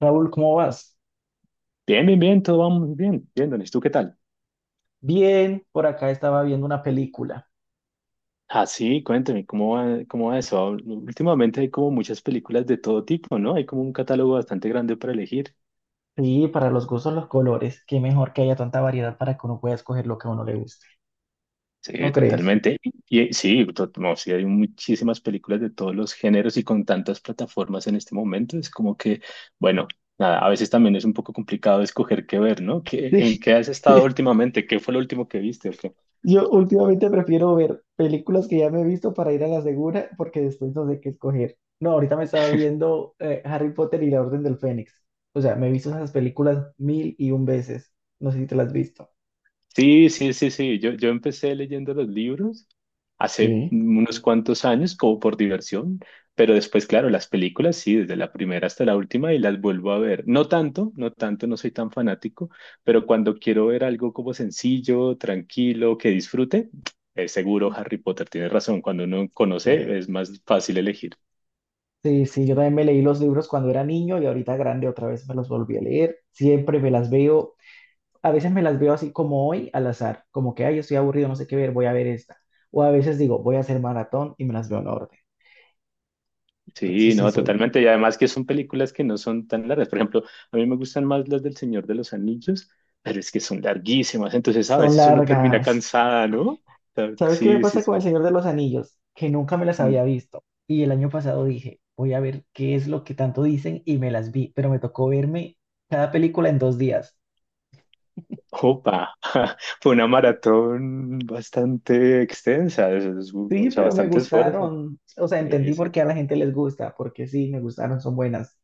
Raúl, ¿cómo vas? Bien, bien, bien, todo va muy bien. Bien, Donis, ¿tú qué tal? Bien, por acá estaba viendo una película. Ah, sí, cuéntame, ¿cómo va eso? Últimamente hay como muchas películas de todo tipo, ¿no? Hay como un catálogo bastante grande para elegir. Sí, para los gustos, los colores. Qué mejor que haya tanta variedad para que uno pueda escoger lo que a uno le guste. Sí, ¿No crees? totalmente. Y sí, no, sí, hay muchísimas películas de todos los géneros y con tantas plataformas en este momento. Es como que, bueno, nada, a veces también es un poco complicado escoger qué ver, ¿no? ¿Qué, Sí, en qué has estado sí. últimamente? ¿Qué fue lo último que viste? Yo últimamente prefiero ver películas que ya me he visto para ir a la segura porque después no sé qué escoger. No, ahorita me estaba viendo Harry Potter y la Orden del Fénix. O sea, me he visto esas películas mil y un veces. No sé si te las has visto. Sí, sí, sí, sí. Yo empecé leyendo los libros hace Sí. unos cuantos años como por diversión, pero después, claro, las películas, sí, desde la primera hasta la última y las vuelvo a ver. No tanto, no tanto, no soy tan fanático, pero cuando quiero ver algo como sencillo, tranquilo, que disfrute, seguro Harry Potter tiene razón. Cuando uno Eh, conoce, es más fácil elegir. Sí, sí, yo también me leí los libros cuando era niño y ahorita grande otra vez me los volví a leer. Siempre me las veo, a veces me las veo así como hoy al azar, como que, ay, yo estoy aburrido, no sé qué ver, voy a ver esta. O a veces digo, voy a hacer maratón y me las veo en orden. Entonces Sí, sí, no, totalmente. Y además que son películas que no son tan largas. Por ejemplo, a mí me gustan más las del Señor de los Anillos, pero es que son larguísimas. Entonces a son veces uno termina largas. cansada, ¿no? O sea, ¿Sabes qué me sí, sí, pasa con El sí. Señor de los Anillos? Que nunca me las Mm. había visto. Y el año pasado dije, voy a ver qué es lo que tanto dicen y me las vi, pero me tocó verme cada película en 2 días. Opa, fue una maratón bastante extensa, o Sí, sea, pero me bastante esfuerzo. gustaron, o sea, Sí, entendí por sí. qué a la gente les gusta, porque sí, me gustaron, son buenas.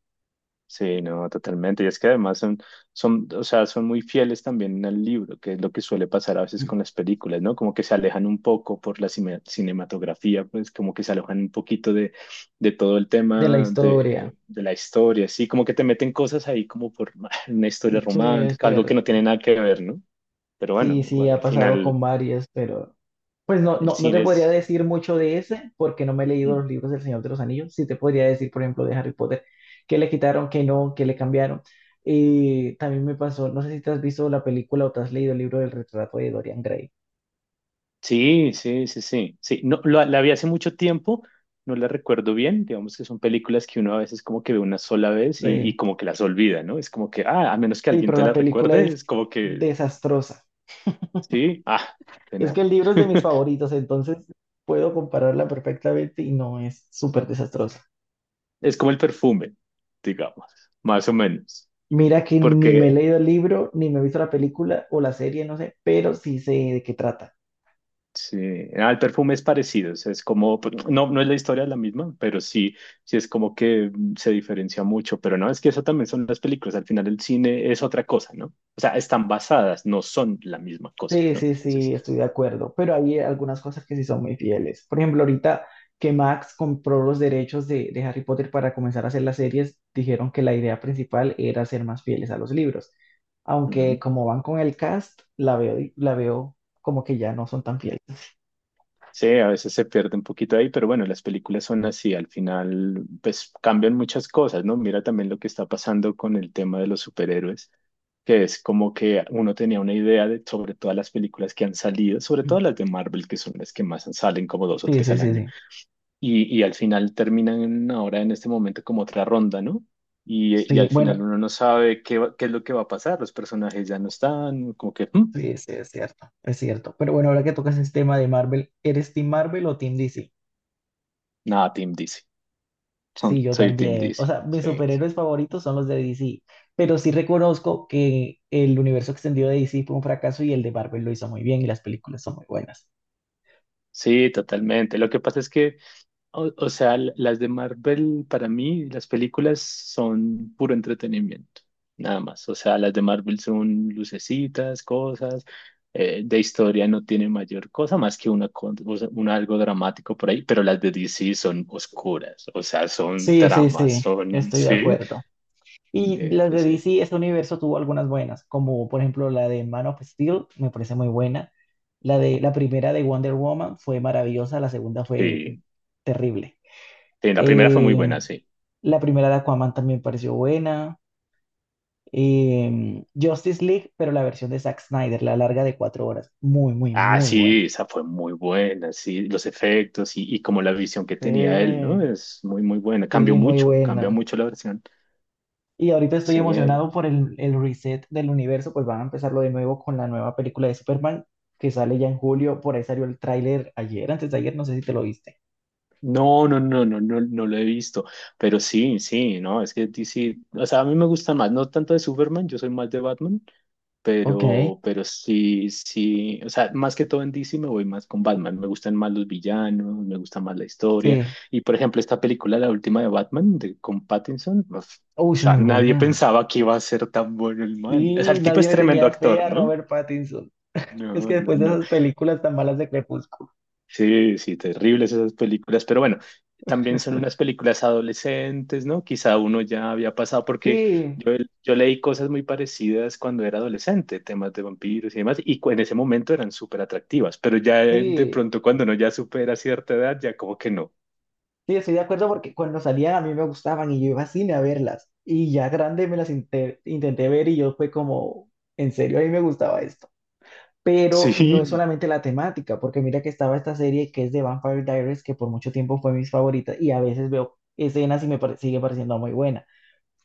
Sí, no, totalmente. Y es que además son, o sea, son muy fieles también al libro, que es lo que suele pasar a veces con las películas, ¿no? Como que se alejan un poco por la cinematografía, pues como que se alejan un poquito de todo el De la tema historia. de la historia, sí, como que te meten cosas ahí como por una historia Sí, es romántica, algo que no tiene cierto. nada que ver, ¿no? Pero bueno, Sí, sí, igual ha al pasado final con varias, pero pues no, el no, no te cine podría es decir mucho de ese, porque no me he leído mm, los libros del Señor de los Anillos. Sí te podría decir, por ejemplo, de Harry Potter, que le quitaron, que no, que le cambiaron. Y también me pasó, no sé si te has visto la película o te has leído el libro del retrato de Dorian Gray. sí, sí, sí, sí, sí. No, la vi hace mucho tiempo, no la recuerdo bien. Digamos que son películas que uno a veces como que ve una sola vez y Sí, como que las olvida, ¿no? Es como que, ah, a menos que sí, alguien pero te la la película recuerde, es es como que desastrosa. sí, ah, de Es que nada. el libro es de mis favoritos, entonces puedo compararla perfectamente y no es súper desastrosa. Es como el perfume, digamos, más o menos. Mira que ni me he Porque leído el libro, ni me he visto la película o la serie, no sé, pero sí sé de qué trata. sí, ah, el perfume es parecido, o sea, es como, pues, no, no es la historia la misma, pero sí, sí es como que se diferencia mucho, pero no, es que eso también son las películas, al final el cine es otra cosa, ¿no? O sea, están basadas, no son la misma cosa, Sí, ¿no? sí, Entonces, sí, estoy de acuerdo, pero hay algunas cosas que sí son muy fieles. Por ejemplo, ahorita que Max compró los derechos de Harry Potter para comenzar a hacer las series, dijeron que la idea principal era ser más fieles a los libros. Aunque como van con el cast, la veo como que ya no son tan fieles. sí, a veces se pierde un poquito ahí, pero bueno, las películas son así, al final pues cambian muchas cosas, ¿no? Mira también lo que está pasando con el tema de los superhéroes, que es como que uno tenía una idea de sobre todas las películas que han salido, sobre Mm. todo las de Marvel, que son las que más salen, como dos o Sí, tres sí, al sí, año, sí. y al final terminan ahora en este momento como otra ronda, ¿no? Y Sí, al final bueno, uno no sabe qué es lo que va a pasar, los personajes ya no están, como que, sí, sí, es cierto, es cierto. Pero bueno, ahora que tocas el tema de Marvel, ¿eres Team Marvel o Team DC? nada, Team DC, son, Sí, yo soy Team también. O DC. sea, mis Sí, superhéroes favoritos son los de DC, pero sí reconozco que el universo extendido de DC fue un fracaso y el de Marvel lo hizo muy bien y las películas son muy buenas. sí, totalmente. Lo que pasa es que, o sea, las de Marvel, para mí, las películas son puro entretenimiento, nada más. O sea, las de Marvel son lucecitas, cosas, de historia no tiene mayor cosa más que una, o sea, un algo dramático por ahí, pero las de DC son oscuras, o sea, son Sí, sí, tramas, sí, son, estoy de sí, acuerdo. Y sí, las sí, de sí. DC, este universo tuvo algunas buenas, como por ejemplo la de Man of Steel, me parece muy buena. La de la primera de Wonder Woman fue maravillosa, la segunda fue Sí, terrible. sí, la primera fue muy buena, Eh, sí. la primera de Aquaman también pareció buena. Justice League, pero la versión de Zack Snyder, la larga de 4 horas, muy, muy, Ah, muy sí, buena. esa fue muy buena, sí, los efectos y como la visión que Sí. tenía él, ¿no? Es muy, muy buena. Cambió Sí, muy mucho, cambia buena. mucho la versión. Y ahorita estoy Sí, emocionado por el reset del universo, pues van a empezarlo de nuevo con la nueva película de Superman que sale ya en julio. Por ahí salió el tráiler ayer, antes de ayer, no sé si te lo viste. no, no, no, no, no, no lo he visto, pero sí, sí, no, es que DC, o sea, a mí me gusta más, no tanto de Superman, yo soy más de Batman. Ok, Pero sí, sí, o sea, más que todo en DC me voy más con Batman. Me gustan más los villanos, me gusta más la historia. sí. Y por ejemplo, esta película, la última de Batman, con Pattinson, uf, o Uy, sí, sea, muy nadie buena. pensaba que iba a ser tan bueno el man. O sea, Sí, el tipo nadie es le tremendo tenía fe actor, a ¿no? Robert Pattinson. Es No, que no, después de no. esas películas tan malas de Crepúsculo. Sí, sí, terribles esas películas, pero bueno, también son unas películas adolescentes, ¿no? Quizá uno ya había pasado, porque Sí, yo, yo leí cosas muy parecidas cuando era adolescente, temas de vampiros y demás, y en ese momento eran súper atractivas, pero ya de sí, pronto cuando uno ya supera cierta edad, ya como que no. sí, estoy de acuerdo porque cuando salían a mí me gustaban y yo iba al cine a verlas. Y ya grande me las intenté ver y yo fue como, en serio, a mí me gustaba esto. Pero no es Sí, solamente la temática, porque mira que estaba esta serie que es de Vampire Diaries, que por mucho tiempo fue mis favoritas, y a veces veo escenas y sigue pareciendo muy buena,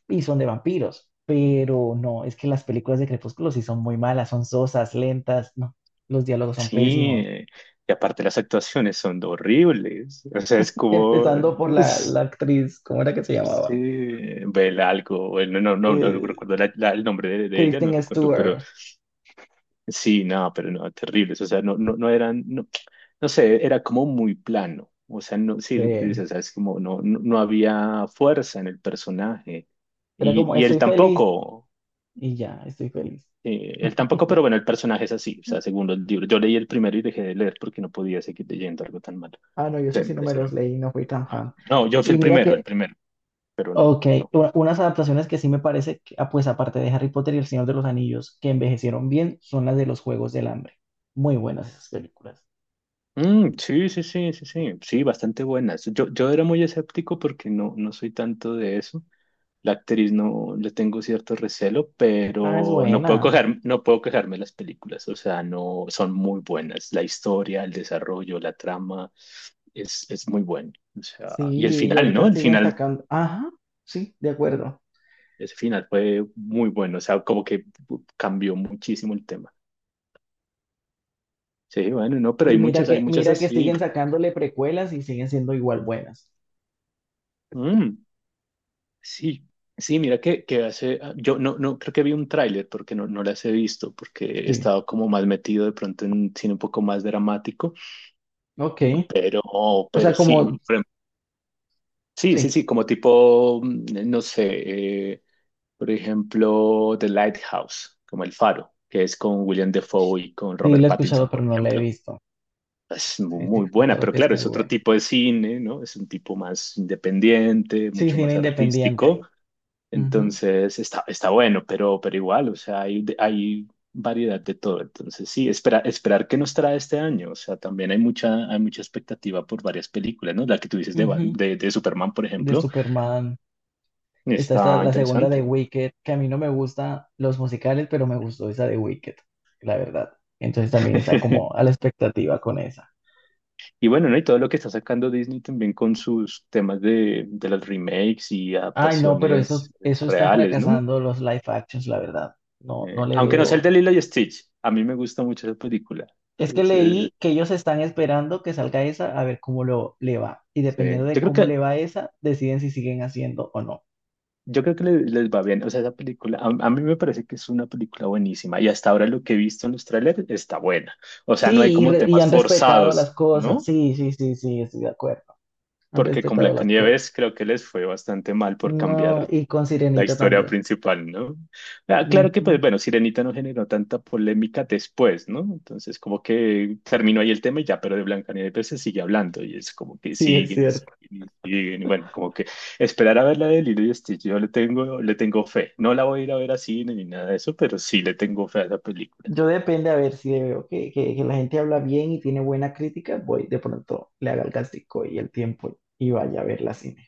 y son de vampiros, pero no, es que las películas de Crepúsculo sí son muy malas, son sosas, lentas, no, los diálogos son sí, pésimos, y aparte las actuaciones son horribles, o sea, es como empezando por la es- actriz, ¿cómo era que se Sí, llamaba? Bella algo, bueno, no, no, no Eh, recuerdo el nombre de ella, no Kristen recuerdo, pero Stewart, sí, no, pero no, terribles. O sea, no, no, no eran, no, no sé, era como muy plano. O sea, no, sí, lo que tú eh, dices, o sea, es como no, no, no había fuerza en el personaje. era Y, como, y estoy feliz, y ya, estoy feliz. Él tampoco, pero bueno, el personaje es así. O sea, según los libros. Yo leí el primero y dejé de leer porque no podía seguir leyendo algo tan malo. Ah, no, yo O eso me sí no me pareció los leí, no fui tan Ah, fan. no, yo fui Y mira el que primero, pero no, ok, no. Unas adaptaciones que sí me parece, que, ah, pues aparte de Harry Potter y El Señor de los Anillos, que envejecieron bien, son las de los Juegos del Hambre. Muy buenas esas películas. Mm, sí, sí, sí, sí, sí, sí, bastante buenas. Yo era muy escéptico porque no, no soy tanto de eso. La actriz no le tengo cierto recelo, Ah, es pero no puedo buena. coger, no puedo quejarme de las películas, o sea, no son muy buenas. La historia, el desarrollo, la trama es muy bueno. O sea, y el Sí, y final, ahorita ¿no? El siguen final, sacando. Ajá, sí, de acuerdo. ese final fue muy bueno, o sea, como que cambió muchísimo el tema. Sí, bueno, no, pero Y hay muchas mira que así. siguen sacándole precuelas y siguen siendo igual buenas. Mm, sí, sí, mira que hace, yo no, no creo que vi un tráiler porque no, no las he visto, porque he Sí, estado como más metido de pronto en un cine un poco más dramático. ok. Pero, O pero sea, sí, como, por sí, sí, sí, sí, como tipo, no sé, por ejemplo, The Lighthouse, como El Faro, que es con William Defoe y con sí Robert la he Pattinson, escuchado, pero por no la he ejemplo. visto. Es Sí, sí, he muy buena, escuchado pero que es claro, muy es otro buena. tipo de cine, ¿no? Es un tipo más independiente, Sí, mucho cine más independiente. artístico. Ujú, Entonces está bueno, pero, igual, o sea, hay variedad de todo. Entonces sí, esperar qué nos trae este año. O sea, también hay mucha expectativa por varias películas, ¿no? La que tú dices de, Bat- ujú, de, de Superman, por de ejemplo, Superman. Está, esta está la segunda de interesante. Wicked, que a mí no me gustan los musicales, pero me gustó esa de Wicked, la verdad. Entonces también está como a la expectativa con esa. Y bueno, ¿no? Y todo lo que está sacando Disney también con sus temas de los remakes y Ay, no, pero eso, adaptaciones eso están reales, ¿no? fracasando los live actions, la verdad. No, no le Aunque no sea veo. el de Lilo y Stitch, a mí me gusta mucho esa película. Es que Es, eh, leí que ellos están esperando que salga esa a ver cómo le va. Y sí. dependiendo de Yo creo cómo que le va esa, deciden si siguen haciendo o no. Yo creo que les va bien. O sea, esa película, a mí me parece que es una película buenísima y hasta ahora lo que he visto en los trailers está buena. O sea, no hay Sí, y, como re- y temas han respetado las forzados, cosas. ¿no? Sí, sí, sí, sí, estoy de acuerdo. Han Porque con respetado las cosas. Blancanieves creo que les fue bastante mal por No, cambiar y con la Sirenita historia también. principal, ¿no? Ah, claro que, Ujú, pues, bueno, Sirenita no generó tanta polémica después, ¿no? Entonces, como que terminó ahí el tema y ya, pero de Blancanieves se sigue hablando y es como que sí, es siguen y siguen cierto. y siguen. Y bueno, como que esperar a ver la de Lilo y Stitch, yo le tengo fe. No la voy a ir a ver a cine ni nada de eso, pero sí le tengo fe a esa película. Yo depende, a ver, si veo que la gente habla bien y tiene buena crítica, voy de pronto, le haga el gastico y el tiempo y vaya a ver la cine.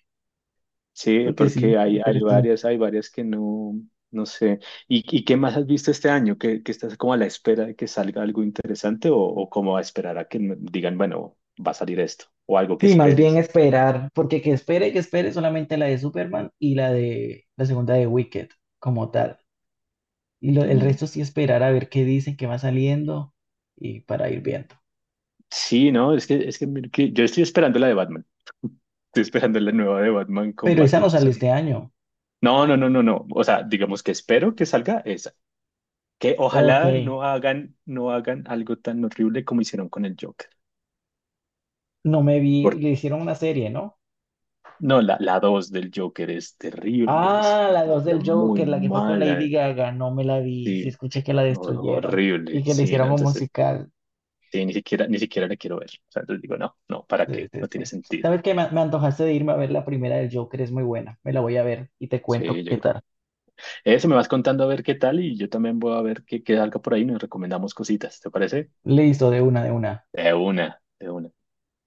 Sí, Porque sí, porque interesante. Hay varias que no, no sé. ¿Y qué más has visto este año? ¿Que estás como a la espera de que salga algo interesante o como a esperar a que me digan, bueno, va a salir esto o algo que Sí, más bien esperes? esperar, porque que espere solamente la de Superman y la de la segunda de Wicked como tal. Y lo- el Mm. resto sí esperar a ver qué dicen, qué va saliendo y para ir viendo. Sí, no, es que, mira que yo estoy esperando la de Batman. Estoy esperando la nueva de Batman con Pero esa no sale Pattinson. este año. No, no, no, no, no. O sea, digamos que espero que salga esa. Que Ok, ojalá no hagan algo tan horrible como hicieron con el Joker. no me vi, le hicieron una serie, ¿no? No, la 2 del Joker es terrible, es Ah, una la dos película del muy Joker, la que fue con mala, Lady Gaga, no me la vi. Sí, sí, escuché que la destruyeron horrible, y que le sí, no, hicieron un entonces musical. sí, ni siquiera la quiero ver. O sea, entonces digo, no, no, ¿para Sí, qué? sí, No tiene sí. sentido. ¿Sabes qué? Me antojaste de irme a ver la primera del Joker, es muy buena. Me la voy a ver y te Sí, cuento qué yo creo. tal. Eso me vas contando a ver qué tal y yo también voy a ver qué salga por ahí, nos recomendamos cositas, ¿te parece? Listo, de una, de una. De una, de una.